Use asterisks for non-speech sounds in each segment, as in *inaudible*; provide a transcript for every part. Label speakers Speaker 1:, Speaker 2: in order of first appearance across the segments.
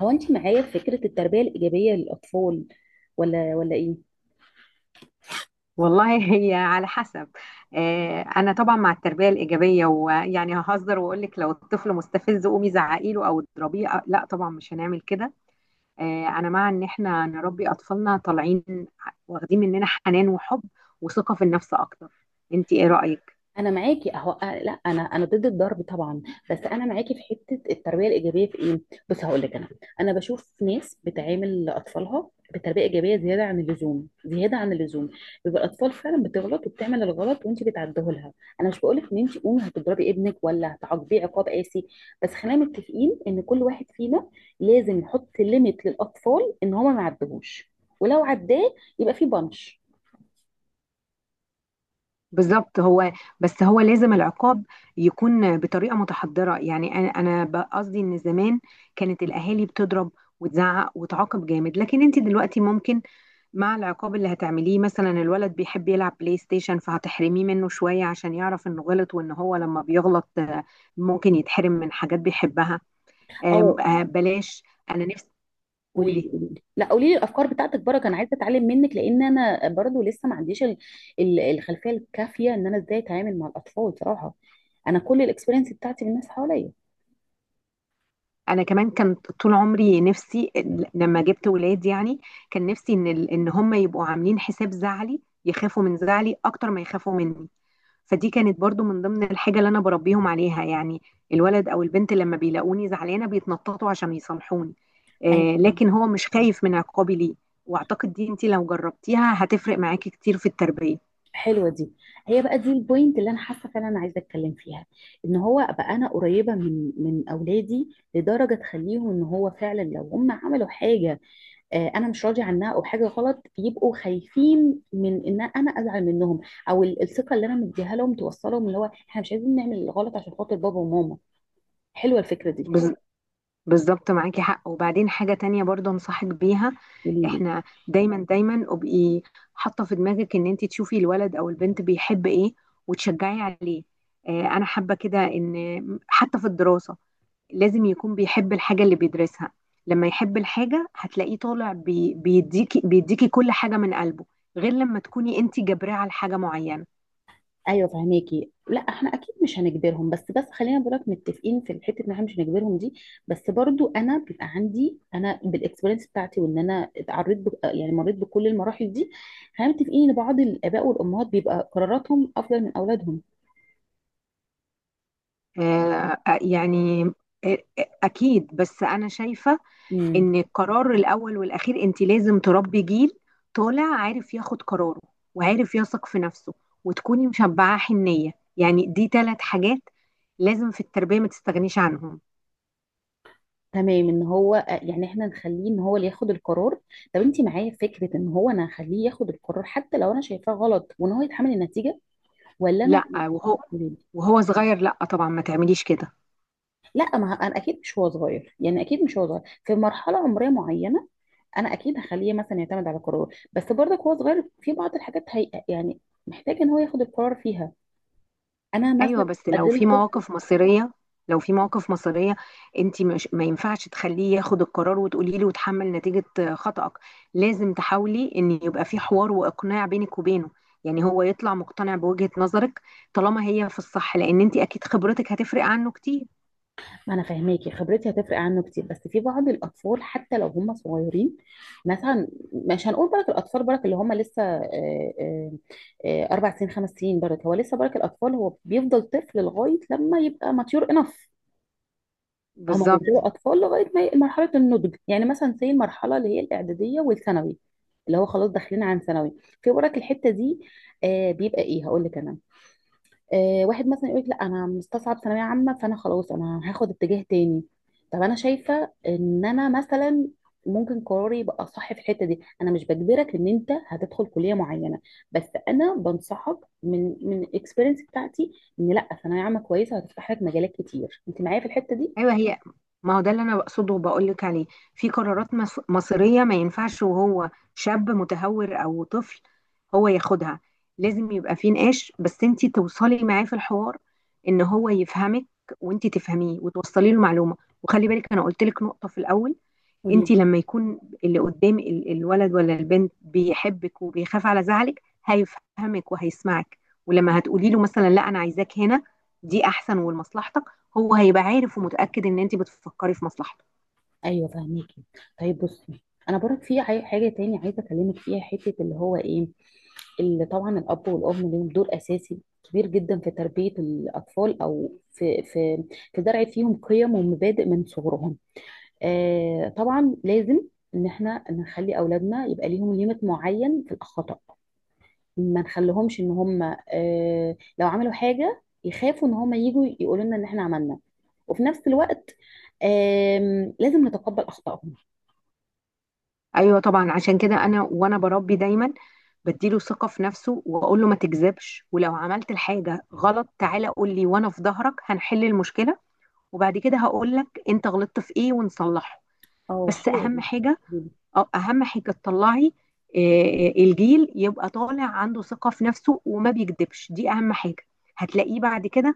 Speaker 1: هو انت معايا في فكرة التربية الإيجابية للأطفال ولا ايه؟
Speaker 2: والله *laughs* هي على حسب. آه، انا طبعا مع التربيه الايجابيه، ويعني ههزر واقول لك لو الطفل مستفز قومي زعقي له او اضربيه، لا طبعا مش هنعمل كده. آه، انا مع ان احنا نربي اطفالنا طالعين واخدين مننا حنان وحب وثقه في النفس اكتر. انت ايه رايك؟
Speaker 1: انا معاكي اهو. أه، لا انا ضد الضرب طبعا. بس انا معاكي في حته التربيه الايجابيه في ايه. بص هقول لك انا، انا بشوف ناس بتعامل اطفالها بتربيه ايجابيه زياده عن اللزوم، زياده عن اللزوم. بيبقى الاطفال فعلا بتغلط وبتعمل الغلط وانت بتعديه لها. انا مش بقول لك ان انت قومي هتضربي ابنك ولا هتعاقبيه عقاب قاسي، بس خلينا متفقين ان كل واحد فينا لازم يحط ليميت للاطفال ان هما ما يعدوهوش، ولو عداه يبقى في بنش.
Speaker 2: بالظبط. هو بس هو لازم العقاب يكون بطريقه متحضره. يعني انا قصدي ان زمان كانت الاهالي بتضرب وتزعق وتعاقب جامد، لكن انت دلوقتي ممكن مع العقاب اللي هتعمليه. مثلا الولد بيحب يلعب بلاي ستيشن فهتحرميه منه شوية عشان يعرف انه غلط، وان هو لما بيغلط ممكن يتحرم من حاجات بيحبها.
Speaker 1: اه،
Speaker 2: بلاش. انا نفسي.
Speaker 1: قولي لي
Speaker 2: قولي.
Speaker 1: قولي لي لا، قولي لي الافكار بتاعتك برك. انا عايزه اتعلم منك، لان انا برضو لسه ما عنديش الخلفيه الكافيه ان انا ازاي اتعامل مع الاطفال صراحه. انا كل الاكسبيرينس بتاعتي بالناس حواليا.
Speaker 2: انا كمان كانت طول عمري نفسي لما جبت ولاد، يعني كان نفسي ان ان هم يبقوا عاملين حساب زعلي، يخافوا من زعلي اكتر ما يخافوا مني. فدي كانت برضو من ضمن الحاجة اللي أنا بربيهم عليها. يعني الولد أو البنت لما بيلاقوني زعلانة بيتنططوا عشان يصالحوني،
Speaker 1: أيوة.
Speaker 2: لكن هو مش خايف من عقابي ليه. وأعتقد دي، أنت لو جربتيها هتفرق معاكي كتير في التربية.
Speaker 1: حلوه دي. هي بقى دي البوينت اللي انا حاسه فعلا انا عايزه اتكلم فيها. ان هو بقى انا قريبه من اولادي لدرجه تخليهم ان هو فعلا لو هم عملوا حاجه انا مش راضي عنها او حاجه غلط، يبقوا خايفين من ان انا ازعل منهم. او الثقه اللي انا مديها لهم توصلهم اللي هو احنا مش عايزين نعمل الغلط عشان خاطر بابا وماما. حلوه الفكره دي.
Speaker 2: بز- بالظبط، معاكي حق. وبعدين حاجة تانية برضو أنصحك بيها.
Speaker 1: قولي لي.
Speaker 2: احنا دايما دايما ابقي حاطة في دماغك ان انت تشوفي الولد او البنت بيحب ايه وتشجعي عليه. انا حابة كده ان حتى في الدراسة لازم يكون بيحب الحاجة اللي بيدرسها. لما يحب الحاجة هتلاقيه طالع بيديكي بيديكي كل حاجة من قلبه، غير لما تكوني انت جبراه على حاجة معينة.
Speaker 1: ايوه فهماكي. لا احنا اكيد مش هنجبرهم. بس خلينا بقولك متفقين في الحته ان احنا مش هنجبرهم دي. بس برضو انا بيبقى عندي، انا بالاكسبيرينس بتاعتي وان انا يعني مريت بكل المراحل دي. خلينا متفقين ان بعض الاباء والامهات بيبقى قراراتهم افضل من اولادهم.
Speaker 2: آه، آه، يعني آه، آه، اكيد. بس انا شايفة
Speaker 1: مم.
Speaker 2: ان القرار الاول والاخير انت لازم تربي جيل طالع عارف ياخد قراره، وعارف يثق في نفسه، وتكوني مشبعة حنية. يعني دي ثلاث حاجات لازم في التربية ما تستغنيش عنهم.
Speaker 1: تمام. ان هو يعني احنا نخليه ان هو اللي ياخد القرار. طب انت معايا في فكره ان هو انا هخليه ياخد القرار حتى لو انا شايفاه غلط وان هو يتحمل النتيجه، ولا انا؟
Speaker 2: لا، وهو صغير لا طبعا ما تعمليش كده.
Speaker 1: لا، ما انا اكيد مش هو صغير، يعني اكيد مش هو صغير في مرحله عمريه معينه. انا اكيد هخليه مثلا يعتمد على قراره، بس برضك هو صغير في بعض الحاجات هي يعني محتاج ان هو ياخد القرار فيها. انا
Speaker 2: ايوه
Speaker 1: مثلا
Speaker 2: بس لو في
Speaker 1: اديله.
Speaker 2: مواقف مصيريه لو في مواقف مصيريه انت مش، ما ينفعش تخليه ياخد القرار وتقولي له وتحمل نتيجه خطأك. لازم تحاولي ان يبقى في حوار واقناع بينك وبينه. يعني هو يطلع مقتنع بوجهة نظرك طالما هي في الصح، لان انت اكيد خبرتك هتفرق عنه كتير.
Speaker 1: انا فاهماكي، خبرتي هتفرق عنه كتير، بس في بعض الاطفال حتى لو هم صغيرين، مثلا مش هنقول برك الاطفال برك اللي هم لسه اربع سنين خمس سنين برك هو لسه. برك الاطفال هو بيفضل طفل لغايه لما يبقى ماتيور انف. هم
Speaker 2: بالظبط.
Speaker 1: بيفضلوا اطفال لغايه ما مرحله النضج، يعني مثلا زي المرحله اللي هي الاعداديه والثانوي اللي هو خلاص داخلين عن ثانوي. في برك الحته دي بيبقى ايه، هقول لك انا، واحد مثلا يقول لك لا انا مستصعب ثانويه عامه فانا خلاص انا هاخد اتجاه تاني. طب انا شايفه ان انا مثلا ممكن قراري يبقى صح في الحته دي. انا مش بجبرك ان انت هتدخل كليه معينه، بس انا بنصحك من الاكسبيرينس بتاعتي ان لا، ثانويه عامه كويسه هتفتح لك مجالات كتير. انت معايا في الحته دي؟
Speaker 2: ايوه هي، ما هو ده اللي انا بقصده وبقول لك عليه. في قرارات مصيريه ما ينفعش وهو شاب متهور او طفل هو ياخدها. لازم يبقى في نقاش، بس انت توصلي معاه في الحوار، ان هو يفهمك وانت تفهميه وتوصلي له معلومه. وخلي بالك، انا قلت لك نقطه في الاول.
Speaker 1: قولي
Speaker 2: انت
Speaker 1: لي.
Speaker 2: لما يكون اللي قدام الولد ولا البنت بيحبك وبيخاف على زعلك هيفهمك وهيسمعك. ولما هتقولي له مثلا لا انا عايزاك هنا، دي احسن ولمصلحتك، هو هيبقى عارف ومتأكد ان انت بتفكري في مصلحته.
Speaker 1: ايوه فهميكي. طيب بصي، انا برك في حاجه تاني عايزه اكلمك فيها، حته اللي هو ايه، اللي طبعا الاب والام ليهم دور اساسي كبير جدا في تربيه الاطفال او في في زرع فيهم قيم ومبادئ من صغرهم. آه طبعا لازم ان احنا نخلي اولادنا يبقى ليهم ليميت معين في الخطا. ما نخليهمش ان هم آه لو عملوا حاجه يخافوا ان هم يجوا يقولوا لنا ان احنا عملنا، وفي نفس الوقت لازم نتقبل اخطائهم.
Speaker 2: ايوه طبعا. عشان كده انا وانا بربي دايما بديله ثقة في نفسه واقول له: ما تكذبش، ولو عملت الحاجة غلط تعالى قول لي وانا في ظهرك هنحل المشكلة. وبعد كده هقول لك انت غلطت في ايه ونصلحه.
Speaker 1: اه
Speaker 2: بس اهم
Speaker 1: حلوة
Speaker 2: حاجة،
Speaker 1: دي.
Speaker 2: تطلعي، الجيل يبقى طالع عنده ثقة في نفسه وما بيكذبش. دي اهم حاجة. هتلاقيه بعد كده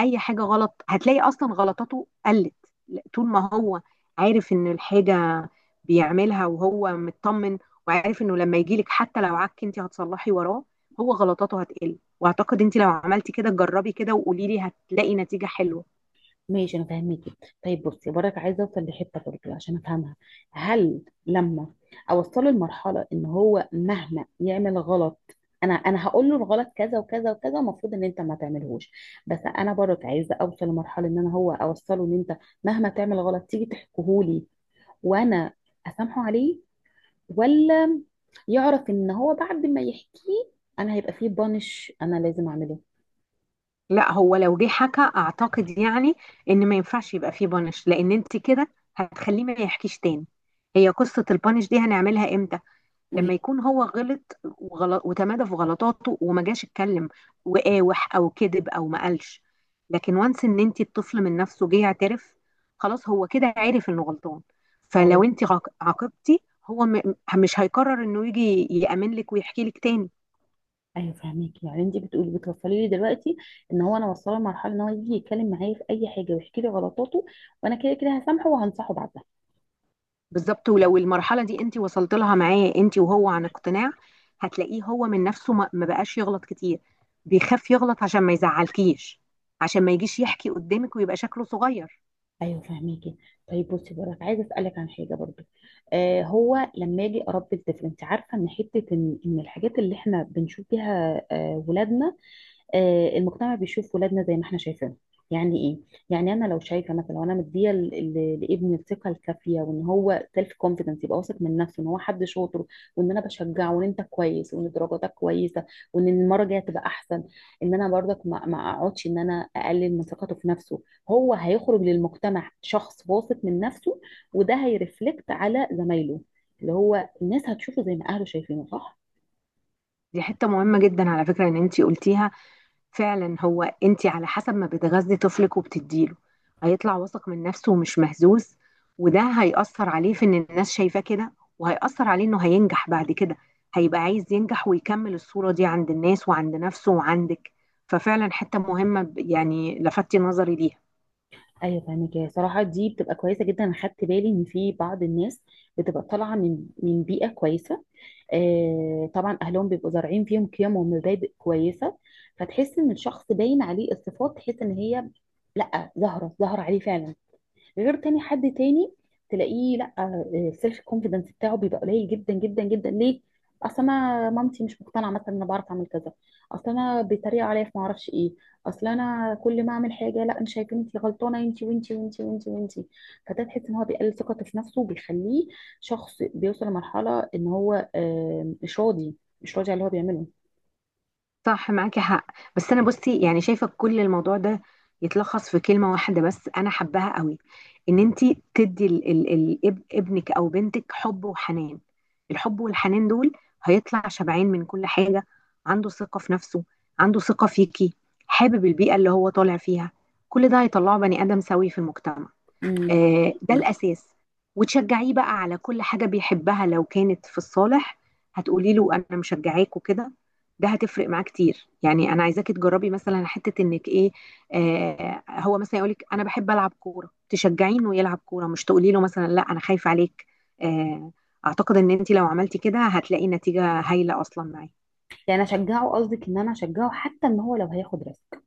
Speaker 2: اي حاجه غلط هتلاقي اصلا غلطاته قلت. لا، طول ما هو عارف ان الحاجه بيعملها وهو مطمن، وعارف انه لما يجي لك حتى لو عك انت هتصلحي وراه، هو غلطاته هتقل. واعتقد انت لو عملتي كده، جربي كده وقولي لي، هتلاقي نتيجه حلوه.
Speaker 1: ماشي انا فاهمكي. طيب بصي برك عايزه اوصل لحته برضه عشان افهمها. هل لما اوصله لمرحله ان هو مهما يعمل غلط، انا هقول له الغلط كذا وكذا وكذا المفروض ان انت ما تعملهوش. بس انا برك عايزه اوصل لمرحله ان انا هو اوصله ان انت مهما تعمل غلط تيجي تحكيهولي، وانا اسامحه عليه، ولا يعرف ان هو بعد ما يحكيه انا هيبقى فيه بانش انا لازم اعمله؟
Speaker 2: لا، هو لو جه حكى اعتقد، يعني، ان ما ينفعش يبقى فيه بانش، لان انت كده هتخليه ما يحكيش تاني. هي قصه البانش دي هنعملها امتى؟ لما يكون هو غلط وغلط وتمادى في غلطاته وما جاش اتكلم وقاوح او كذب او ما قالش. لكن وانس ان انت الطفل من نفسه جه يعترف، خلاص هو كده عرف انه غلطان. فلو
Speaker 1: قولي.
Speaker 2: انت عاقبتي، هو مش هيقرر انه يجي يأمن لك ويحكي لك تاني.
Speaker 1: ايوه فهميك. يعني انت بتقولي بتوصلي لي دلوقتي ان هو انا وصله لمرحله ان هو يجي يتكلم معايا في اي حاجه ويحكي لي غلطاته، وانا كده كده هسامحه وهنصحه بعدها.
Speaker 2: بالظبط. ولو المرحلة دي انت وصلت لها معاه انت وهو عن اقتناع، هتلاقيه هو من نفسه ما بقاش يغلط كتير. بيخاف يغلط عشان ما يزعلكيش، عشان ما يجيش يحكي قدامك ويبقى شكله صغير.
Speaker 1: ايوه فهميكي. طيب بصي بقولك عايزه اسالك عن حاجه برضو. آه، هو لما اجي اربي الطفل انت عارفه ان حته ان الحاجات اللي احنا بنشوف بيها آه ولادنا، المجتمع بيشوف ولادنا زي ما احنا شايفينهم. يعني ايه؟ يعني انا لو شايفه مثلا وانا مديه لابني الثقه الكافيه وان هو سيلف كونفيدنس يبقى واثق من نفسه ان هو حد شاطر، وان انا بشجعه وان انت كويس وان درجاتك كويسه وان المره الجايه تبقى احسن، ان انا برضك ما اقعدش ان انا اقلل من ثقته في نفسه، هو هيخرج للمجتمع شخص واثق من نفسه، وده هيرفلكت على زمايله اللي هو الناس هتشوفه زي ما اهله شايفينه، صح؟
Speaker 2: دي حتة مهمة جدا على فكرة ان انتي قلتيها. فعلا هو انتي على حسب ما بتغذي طفلك وبتديله، هيطلع واثق من نفسه ومش مهزوز. وده هيأثر عليه في ان الناس شايفاه كده، وهيأثر عليه انه هينجح بعد كده. هيبقى عايز ينجح ويكمل الصورة دي عند الناس وعند نفسه وعندك. ففعلا حتة مهمة، يعني لفتي نظري ليها.
Speaker 1: ايوه فاهمك. هي صراحه دي بتبقى كويسه جدا. انا خدت بالي ان في بعض الناس بتبقى طالعه من بيئه كويسه، آه طبعا اهلهم بيبقوا زارعين فيهم قيم ومبادئ كويسه، فتحس ان الشخص باين عليه الصفات، تحس ان هي لا ظاهره، ظاهره عليه فعلا. غير تاني حد تاني تلاقيه لا، السيلف كونفيدنس بتاعه بيبقى قليل جدا جدا جدا. ليه؟ اصل انا مامتي مش مقتنعه مثلا ان انا بعرف اعمل كذا. اصل انا بيتريق عليا في ما اعرفش ايه. اصل انا كل ما اعمل حاجه لا انا شايفه انت غلطانه، انت وانت وانت وانت وانت. فده تحس ان هو بيقلل ثقته في نفسه وبيخليه شخص بيوصل لمرحله ان هو مش راضي، مش راضي على اللي هو بيعمله.
Speaker 2: صح، معاكي حق. بس انا بصي يعني شايفه كل الموضوع ده يتلخص في كلمه واحده بس انا حباها قوي. ان انت تدي ابنك او بنتك حب وحنان. الحب والحنان دول هيطلع شبعان من كل حاجه، عنده ثقه في نفسه، عنده ثقه فيكي، حابب البيئه اللي هو طالع فيها. كل ده هيطلعه بني ادم سوي في المجتمع.
Speaker 1: امم.
Speaker 2: ده الأساس. وتشجعيه بقى على كل حاجة بيحبها لو كانت في الصالح. هتقولي له أنا مشجعاك وكده، ده هتفرق معاه كتير. يعني أنا عايزاكي تجربي مثلا حتة إنك إيه، هو مثلا يقولك أنا بحب ألعب كورة، تشجعيه إنه يلعب كورة، مش تقولي له مثلا لا أنا خايفة عليك. آه أعتقد إن أنت لو عملتي كده هتلاقي نتيجة هايلة أصلا معاه.
Speaker 1: يعني اشجعه، قصدك ان انا اشجعه حتى ان هو لو هياخد ريسك،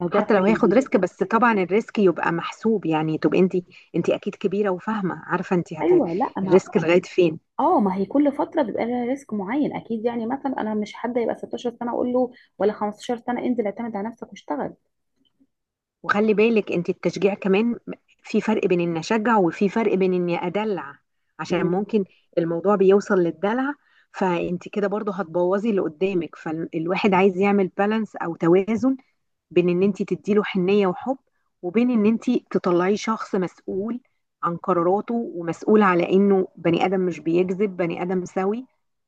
Speaker 1: لو جرب
Speaker 2: حتى لو
Speaker 1: حاجه
Speaker 2: هياخد
Speaker 1: جديده؟
Speaker 2: ريسك، بس طبعا الريسك يبقى محسوب. يعني تبقى انت اكيد كبيره وفاهمه، عارفه انت
Speaker 1: ايوه. لا ما
Speaker 2: الريسك لغايه فين.
Speaker 1: اه ما هي كل فتره بيبقى لها ريسك معين اكيد، يعني مثلا انا مش حد يبقى 16 سنه اقول له ولا 15 سنه انزل اعتمد على نفسك واشتغل.
Speaker 2: وخلي بالك انت، التشجيع كمان في فرق بين اني اشجع وفي فرق بين اني ادلع، عشان
Speaker 1: مم.
Speaker 2: ممكن الموضوع بيوصل للدلع. فانت كده برضو هتبوظي اللي قدامك. فالواحد عايز يعمل بالانس او توازن، بين ان انت تديله حنية وحب، وبين ان انت تطلعيه شخص مسؤول عن قراراته، ومسؤول على انه بني ادم مش بيكذب، بني ادم سوي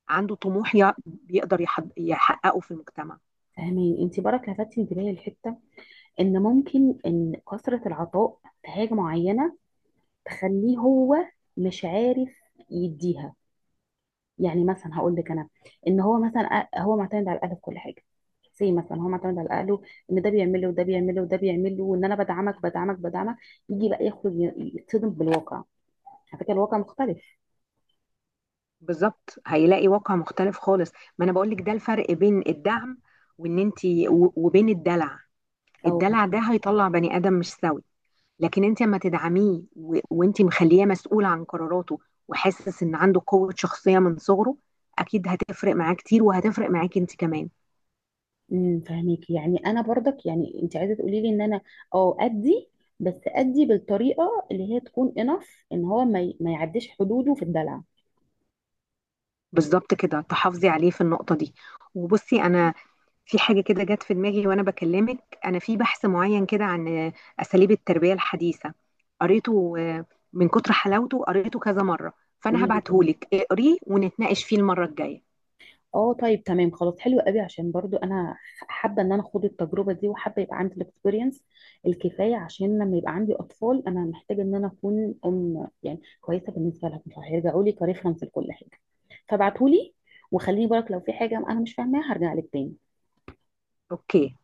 Speaker 2: عنده طموح بيقدر يحققه في المجتمع.
Speaker 1: فاهمين. انت برك لفتتي انتباهي لحته ان ممكن ان كثره العطاء في حاجه معينه تخليه هو مش عارف يديها. يعني مثلا هقول لك انا، ان هو مثلا هو معتمد على الاهل في كل حاجه، زي مثلا هو معتمد على اهله ان ده بيعمل له وده بيعمل له وده بيعمل له، وان انا بدعمك بدعمك بدعمك، يجي بقى يخرج يتصدم بالواقع. على فكره الواقع مختلف.
Speaker 2: بالظبط. هيلاقي واقع مختلف خالص. ما انا بقول لك ده الفرق بين الدعم، وان انت وبين الدلع.
Speaker 1: او ب-
Speaker 2: الدلع ده هيطلع بني ادم مش سوي. لكن انت لما تدعميه وانت مخليه مسؤول عن قراراته، وحاسس ان عنده قوة شخصية من صغره، اكيد هتفرق معاه كتير وهتفرق معاكي انت كمان.
Speaker 1: امم. فهميك. يعني انا برضك يعني انت عايزه تقولي لي ان انا اه ادي، بس ادي بالطريقه اللي هي تكون انف ان هو ما يعديش حدوده في الدلع.
Speaker 2: بالظبط كده تحافظي عليه في النقطة دي. وبصي انا، في حاجة كده جت في دماغي وأنا بكلمك، أنا في بحث معين كده عن أساليب التربية الحديثة، قريته، من كتر حلاوته قريته كذا مرة. فأنا
Speaker 1: قولي لي تاني.
Speaker 2: هبعتهولك اقريه ونتناقش فيه المرة الجاية.
Speaker 1: اه طيب تمام خلاص، حلو قوي. عشان برضو انا حابه ان انا اخد التجربه دي، وحابه يبقى عندي الاكسبيرينس الكفايه عشان لما يبقى عندي اطفال انا محتاجه ان انا اكون ام يعني كويسه بالنسبه لهم فهيرجعوا لي كريفرنس لكل حاجه. فابعتهولي، وخليني بالك لو في حاجه انا مش فاهماها هرجع لك تاني.
Speaker 2: أوكي.